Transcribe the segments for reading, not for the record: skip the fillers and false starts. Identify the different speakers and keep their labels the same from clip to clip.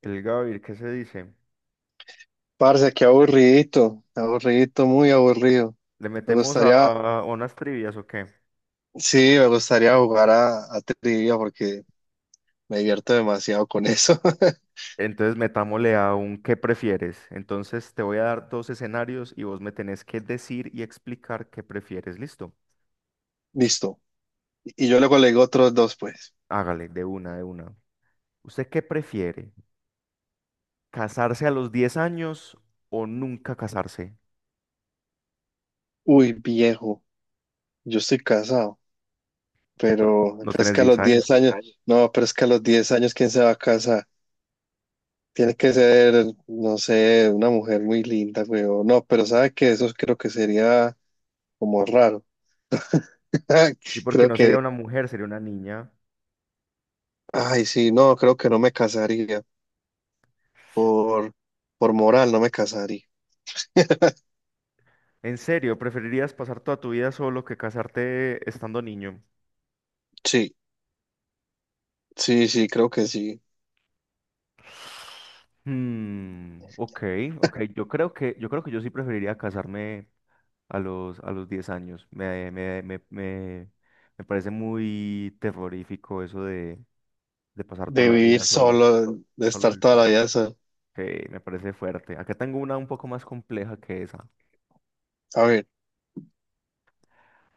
Speaker 1: El Gavir, ¿qué se dice?
Speaker 2: Parce, qué aburridito, aburridito, muy aburrido.
Speaker 1: ¿Le
Speaker 2: Me
Speaker 1: metemos
Speaker 2: gustaría,
Speaker 1: a unas trivias o qué?
Speaker 2: sí, me gustaría jugar a trivia porque me divierto demasiado con eso.
Speaker 1: Entonces metámosle a un ¿qué prefieres? Entonces te voy a dar dos escenarios y vos me tenés que decir y explicar qué prefieres. ¿Listo?
Speaker 2: Listo. Y yo luego le digo otros dos, pues.
Speaker 1: Hágale, de una, de una. ¿Usted qué prefiere? ¿Casarse a los 10 años o nunca casarse?
Speaker 2: Uy, viejo, yo estoy casado, pero,
Speaker 1: No
Speaker 2: pero es
Speaker 1: tenés
Speaker 2: que a
Speaker 1: 10
Speaker 2: los 10
Speaker 1: años.
Speaker 2: años, no, pero es que a los 10 años, ¿quién se va a casar? Tiene que ser, no sé, una mujer muy linda, güey. O no, pero sabe que eso creo que sería como raro.
Speaker 1: Sí, porque
Speaker 2: Creo
Speaker 1: no
Speaker 2: que,
Speaker 1: sería una mujer, sería una niña.
Speaker 2: ay, sí, no, creo que no me casaría. Por, por moral no me casaría.
Speaker 1: ¿En serio? ¿Preferirías pasar toda tu vida solo que casarte estando niño?
Speaker 2: Sí, sí, sí, creo que sí.
Speaker 1: Hmm, ok, ok. Yo creo que yo sí preferiría casarme a los 10 años. Me parece muy terrorífico eso de pasar toda
Speaker 2: De
Speaker 1: la
Speaker 2: vivir
Speaker 1: vida solo,
Speaker 2: solo, de
Speaker 1: solo
Speaker 2: estar
Speaker 1: del
Speaker 2: toda la
Speaker 1: todo.
Speaker 2: vida solo.
Speaker 1: Que me parece fuerte. Acá tengo una un poco más compleja que esa.
Speaker 2: A ver,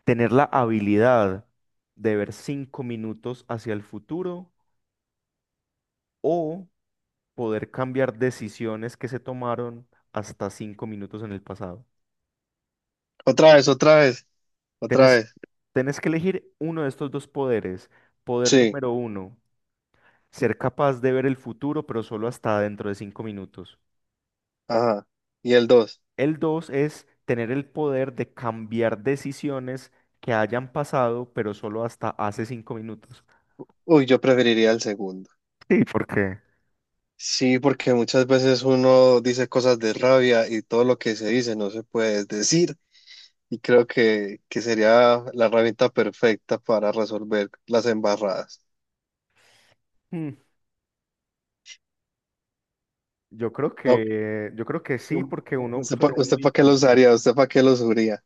Speaker 1: Tener la habilidad de ver 5 minutos hacia el futuro o poder cambiar decisiones que se tomaron hasta 5 minutos en el pasado.
Speaker 2: otra vez, otra vez, otra
Speaker 1: Tenés,
Speaker 2: vez.
Speaker 1: tenés que elegir uno de estos dos poderes. Poder
Speaker 2: Sí,
Speaker 1: número uno, ser capaz de ver el futuro, pero solo hasta dentro de 5 minutos.
Speaker 2: ajá. Y el dos.
Speaker 1: El dos es tener el poder de cambiar decisiones que hayan pasado, pero solo hasta hace 5 minutos.
Speaker 2: Uy, yo preferiría el segundo.
Speaker 1: Sí, porque
Speaker 2: Sí, porque muchas veces uno dice cosas de rabia y todo lo que se dice no se puede decir. Y creo que sería la herramienta perfecta para resolver las embarradas.
Speaker 1: mm, yo creo
Speaker 2: No,
Speaker 1: que yo creo que sí, porque uno suele ser
Speaker 2: ¿usted
Speaker 1: muy
Speaker 2: para qué lo
Speaker 1: impulsivo.
Speaker 2: usaría? ¿Usted para qué lo usaría?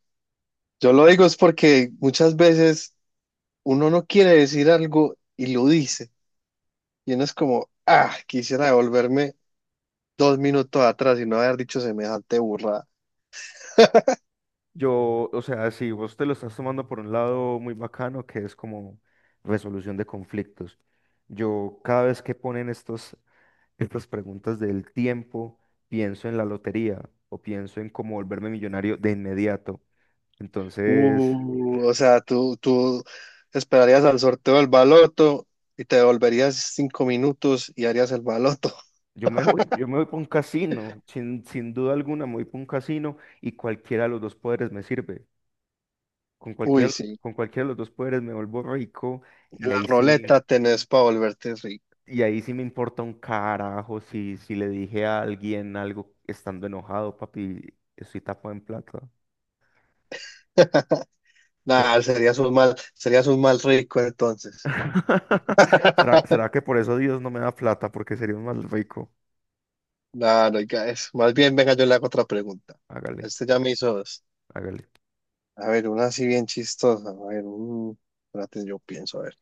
Speaker 2: Yo lo digo es porque muchas veces uno no quiere decir algo y lo dice. Y uno es como, ah, quisiera devolverme 2 minutos atrás y no haber dicho semejante burrada.
Speaker 1: Yo, o sea, si vos te lo estás tomando por un lado muy bacano, que es como resolución de conflictos. Yo cada vez que ponen estos estas preguntas del tiempo, pienso en la lotería o pienso en cómo volverme millonario de inmediato. Entonces,
Speaker 2: O sea, tú esperarías al sorteo del baloto y te devolverías 5 minutos y harías el baloto.
Speaker 1: yo me voy para un casino, sin duda alguna me voy para un casino y cualquiera de los dos poderes me sirve. Con
Speaker 2: Uy,
Speaker 1: cualquiera,
Speaker 2: sí.
Speaker 1: con cualquiera de los dos poderes me vuelvo rico y
Speaker 2: En la
Speaker 1: ahí sí,
Speaker 2: roleta tenés para volverte rico.
Speaker 1: y ahí sí me importa un carajo si le dije a alguien algo estando enojado, papi, estoy tapado en plata.
Speaker 2: Nada, serías un mal rico entonces.
Speaker 1: ¿Será, será que por eso Dios no me da plata? Porque sería un mal rico.
Speaker 2: Claro, oiga. Es. Más bien, venga, yo le hago otra pregunta.
Speaker 1: Hágale,
Speaker 2: Este ya me hizo dos.
Speaker 1: hágale.
Speaker 2: A ver, una así bien chistosa. A ver, espérate, yo pienso, a ver.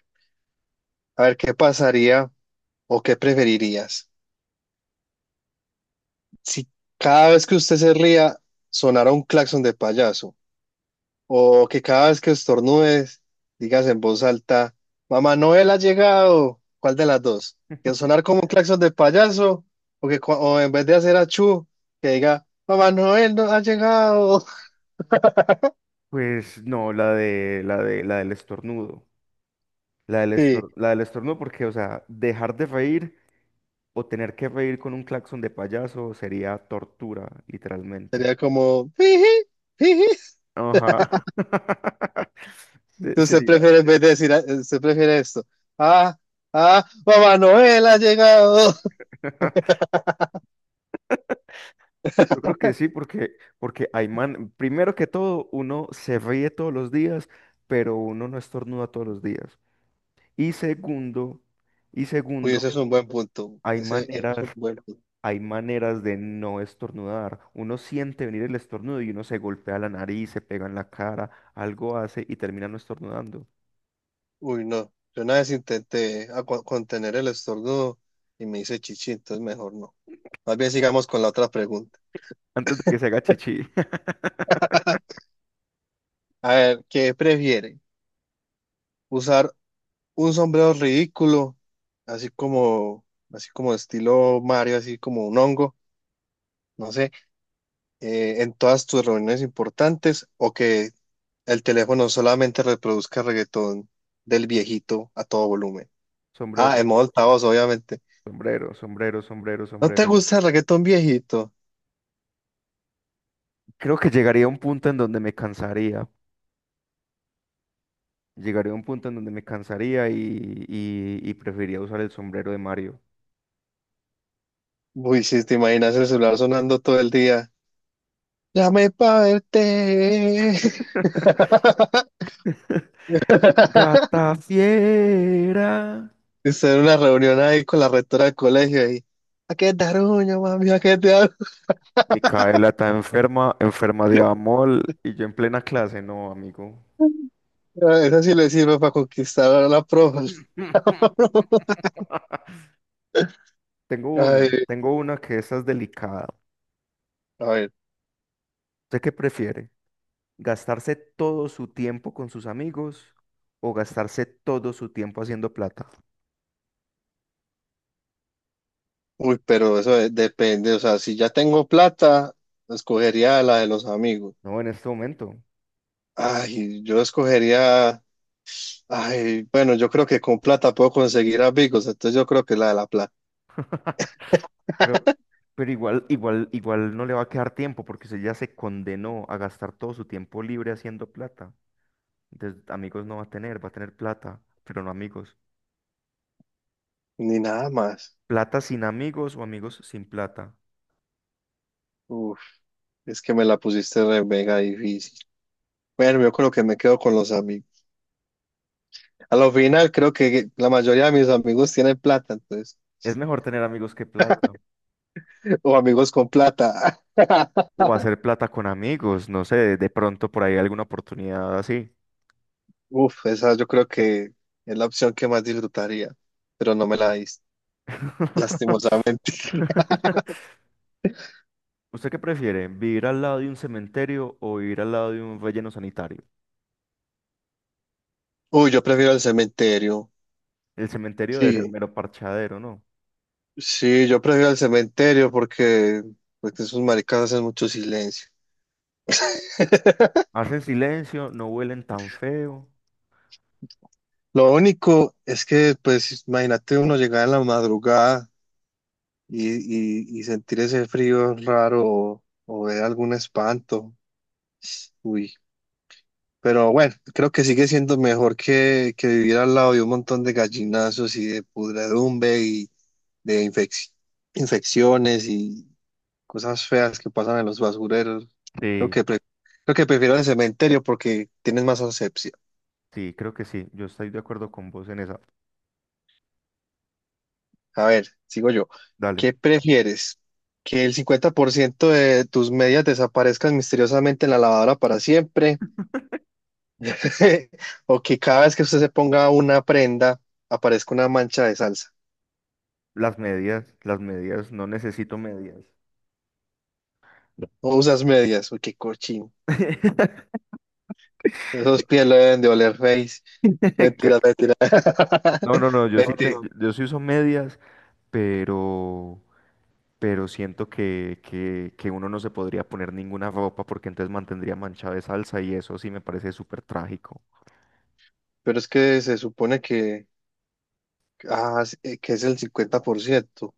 Speaker 2: A ver, ¿qué pasaría o qué preferirías si cada vez que usted se ría sonara un claxon de payaso? O que cada vez que estornudes digas en voz alta, Mamá Noel ha llegado. ¿Cuál de las dos? ¿Que sonar como un claxon de payaso? O en vez de hacer achú, que diga, Mamá Noel no ha llegado.
Speaker 1: Pues no, la del estornudo. La del estor-
Speaker 2: Sí.
Speaker 1: la del estornudo, porque, o sea, dejar de reír o tener que reír con un claxon de payaso sería tortura, literalmente.
Speaker 2: Sería como, "Jiji, jiji".
Speaker 1: Ajá.
Speaker 2: Entonces
Speaker 1: Sería.
Speaker 2: prefiere, en vez de decir, ah, usted prefiere esto. Ah, ah, Mamá Noel ha llegado.
Speaker 1: Yo creo que sí, porque hay man, primero que todo, uno se ríe todos los días, pero uno no estornuda todos los días. Y segundo, y
Speaker 2: Uy,
Speaker 1: segundo,
Speaker 2: ese es un buen punto.
Speaker 1: hay
Speaker 2: Ese es
Speaker 1: maneras,
Speaker 2: un buen punto.
Speaker 1: hay maneras de no estornudar. Uno siente venir el estornudo y uno se golpea la nariz, se pega en la cara, algo hace y termina no estornudando.
Speaker 2: Uy, no. Yo una vez intenté contener el estornudo y me hice chichi, entonces mejor no. Más bien sigamos con la otra pregunta.
Speaker 1: Antes de que se haga chichi.
Speaker 2: A ver, ¿qué prefiere? ¿Usar un sombrero ridículo, así como, así como estilo Mario, así como un hongo? No sé. En todas tus reuniones importantes o que el teléfono solamente reproduzca reggaetón del viejito a todo volumen. Ah,
Speaker 1: Sombrero,
Speaker 2: en modo altavoz, obviamente.
Speaker 1: sombrero, sombrero, sombrero,
Speaker 2: ¿No te
Speaker 1: sombrero.
Speaker 2: gusta el reggaetón viejito?
Speaker 1: Creo que llegaría a un punto en donde me cansaría. Llegaría a un punto en donde me cansaría y preferiría usar el sombrero de Mario.
Speaker 2: Uy, si te imaginas el celular sonando todo el día. Llame pa' verte.
Speaker 1: Gata fiera.
Speaker 2: Estar en una reunión ahí con la rectora del colegio y ¿a qué te arruño, mami? ¿A qué te arruño?
Speaker 1: Micaela está enferma, enferma de amor y yo en plena clase, no, amigo.
Speaker 2: Esa sí le sirve para conquistar a la profe.
Speaker 1: Tengo una,
Speaker 2: Ay,
Speaker 1: tengo una que esa es delicada.
Speaker 2: a ver.
Speaker 1: ¿Usted qué prefiere? ¿Gastarse todo su tiempo con sus amigos o gastarse todo su tiempo haciendo plata?
Speaker 2: Uy, pero eso depende, o sea, si ya tengo plata, escogería la de los amigos.
Speaker 1: No, en este momento.
Speaker 2: Ay, yo escogería, ay, bueno, yo creo que con plata puedo conseguir amigos, entonces yo creo que la de la plata,
Speaker 1: Pero, pero igual, igual, igual no le va a quedar tiempo porque usted ya se condenó a gastar todo su tiempo libre haciendo plata. Entonces, amigos no va a tener, va a tener plata, pero no amigos.
Speaker 2: ni nada más.
Speaker 1: Plata sin amigos o amigos sin plata.
Speaker 2: Uf, es que me la pusiste re mega difícil. Bueno, yo creo que me quedo con los amigos. A lo final, creo que la mayoría de mis amigos tienen plata, entonces,
Speaker 1: Es mejor tener amigos que plata.
Speaker 2: o amigos con plata.
Speaker 1: O hacer plata con amigos. No sé, de pronto por ahí alguna oportunidad así.
Speaker 2: Uf, esa yo creo que es la opción que más disfrutaría, pero no me la diste, lastimosamente.
Speaker 1: ¿Usted qué prefiere? ¿Vivir al lado de un cementerio o vivir al lado de un relleno sanitario?
Speaker 2: Uy, yo prefiero el cementerio.
Speaker 1: El cementerio debe ser
Speaker 2: Sí,
Speaker 1: mero parchadero, ¿no?
Speaker 2: sí, yo prefiero el cementerio porque esos maricas hacen mucho silencio.
Speaker 1: Hacen silencio, no huelen tan feo.
Speaker 2: Lo único es que, pues, imagínate uno llegar en la madrugada y, y sentir ese frío raro o ver algún espanto. Uy, pero bueno, creo que sigue siendo mejor que vivir al lado de un montón de gallinazos y de pudredumbre y de infecciones, cosas feas que pasan en los basureros. Creo
Speaker 1: Sí,
Speaker 2: que, pre- creo que prefiero el cementerio porque tienes más asepsia.
Speaker 1: sí, creo que sí. Yo estoy de acuerdo con vos en esa.
Speaker 2: A ver, sigo yo.
Speaker 1: Dale.
Speaker 2: ¿Qué prefieres? ¿Que el 50% de tus medias desaparezcan misteriosamente en la lavadora para siempre? ¿O que cada vez que usted se ponga una prenda aparezca una mancha de salsa?
Speaker 1: Las medias, no necesito medias.
Speaker 2: ¿O usas medias? Uy, qué cochino.
Speaker 1: No.
Speaker 2: Esos pies lo deben de oler face. Mentira, mentira.
Speaker 1: No, no, no,
Speaker 2: Mentira.
Speaker 1: yo sí uso medias, pero, pero siento que uno no se podría poner ninguna ropa porque entonces mantendría manchada de salsa y eso sí me parece súper trágico.
Speaker 2: Pero es que se supone que, ah, sí, que es el 50%.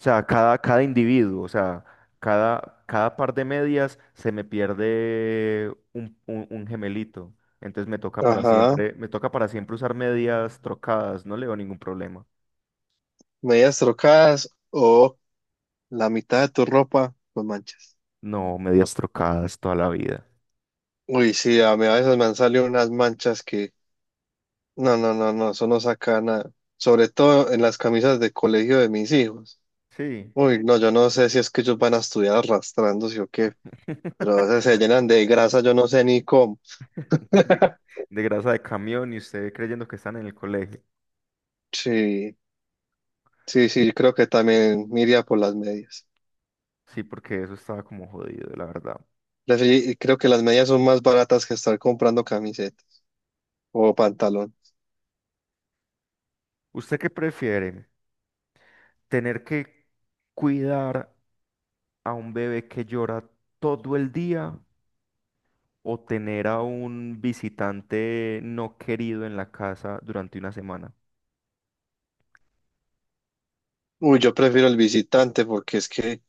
Speaker 1: O sea, cada individuo, o sea, cada par de medias se me pierde un gemelito. Entonces me toca para
Speaker 2: Ajá.
Speaker 1: siempre, me toca para siempre usar medias trocadas, no le veo ningún problema.
Speaker 2: Medias trocadas o la mitad de tu ropa con manchas.
Speaker 1: No, medias trocadas toda la vida.
Speaker 2: Uy, sí, a mí a veces me han salido unas manchas. No, no, no, no, eso no saca nada. Sobre todo en las camisas de colegio de mis hijos.
Speaker 1: Sí.
Speaker 2: Uy, no, yo no sé si es que ellos van a estudiar arrastrándose o qué, pero a veces se llenan de grasa, yo no sé ni cómo.
Speaker 1: de, de grasa de camión y usted creyendo que están en el colegio.
Speaker 2: Sí, sí, sí, creo que también me iría por las medias.
Speaker 1: Sí, porque eso estaba como jodido, la verdad.
Speaker 2: Creo que las medias son más baratas que estar comprando camisetas o pantalón.
Speaker 1: ¿Usted qué prefiere? ¿Tener que cuidar a un bebé que llora todo el día o tener a un visitante no querido en la casa durante una semana?
Speaker 2: Uy, yo prefiero el visitante porque es que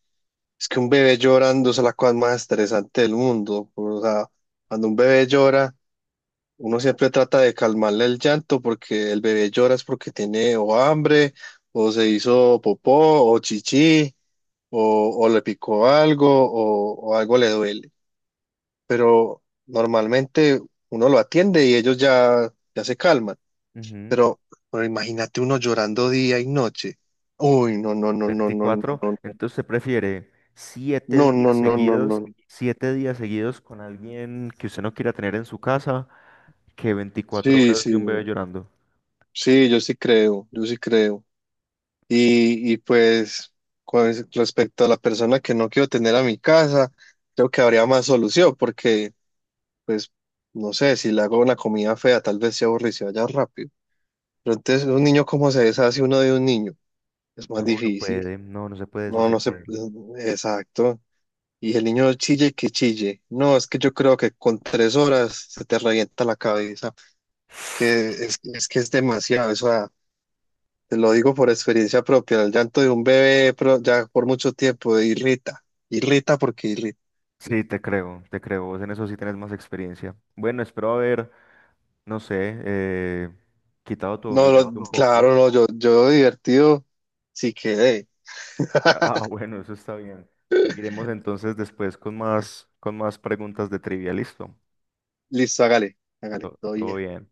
Speaker 2: es que un bebé llorando es la cosa más estresante del mundo. O sea, cuando un bebé llora, uno siempre trata de calmarle el llanto porque el bebé llora es porque tiene o hambre, o se hizo popó, o chichi, o le picó algo, o algo le duele. Pero normalmente uno lo atiende y ellos ya, ya se calman.
Speaker 1: Ujú.
Speaker 2: Pero, pero imagínate uno llorando día y noche. Uy, no, no, no, no, no, no,
Speaker 1: Veinticuatro
Speaker 2: no, no.
Speaker 1: Entonces, se prefiere siete
Speaker 2: No, no,
Speaker 1: días
Speaker 2: no, no,
Speaker 1: seguidos,
Speaker 2: no.
Speaker 1: 7 días seguidos con alguien que usted no quiera tener en su casa que 24
Speaker 2: Sí,
Speaker 1: horas de
Speaker 2: sí,
Speaker 1: un bebé llorando?
Speaker 2: sí, yo sí creo, yo sí creo. Y pues con respecto a la persona que no quiero tener a mi casa, creo que habría más solución porque, pues, no sé, si le hago una comida fea, tal vez se aburre y se vaya rápido. Pero entonces, un niño, ¿cómo se deshace uno de un niño? Es más
Speaker 1: No, no
Speaker 2: difícil.
Speaker 1: puede, no, no se puede
Speaker 2: No,
Speaker 1: deshacer
Speaker 2: no sé,
Speaker 1: de él.
Speaker 2: exacto. Y el niño chille que chille. No, es que yo creo que con 3 horas se te revienta la cabeza. Es que es demasiado eso. Da Te lo digo por experiencia propia, el llanto de un bebé ya por mucho tiempo irrita, irrita porque irrita.
Speaker 1: Sí, te creo, te creo. Vos en eso sí tenés más experiencia. Bueno, espero haber, no sé, eh, quitado tu
Speaker 2: No,
Speaker 1: aburrimiento un poco.
Speaker 2: claro, no, yo divertido, sí quedé.
Speaker 1: Ah, bueno, eso está bien. Seguiremos entonces después con más preguntas de trivia. Listo.
Speaker 2: Listo, hágale, hágale, todo
Speaker 1: Todo
Speaker 2: bien.
Speaker 1: bien.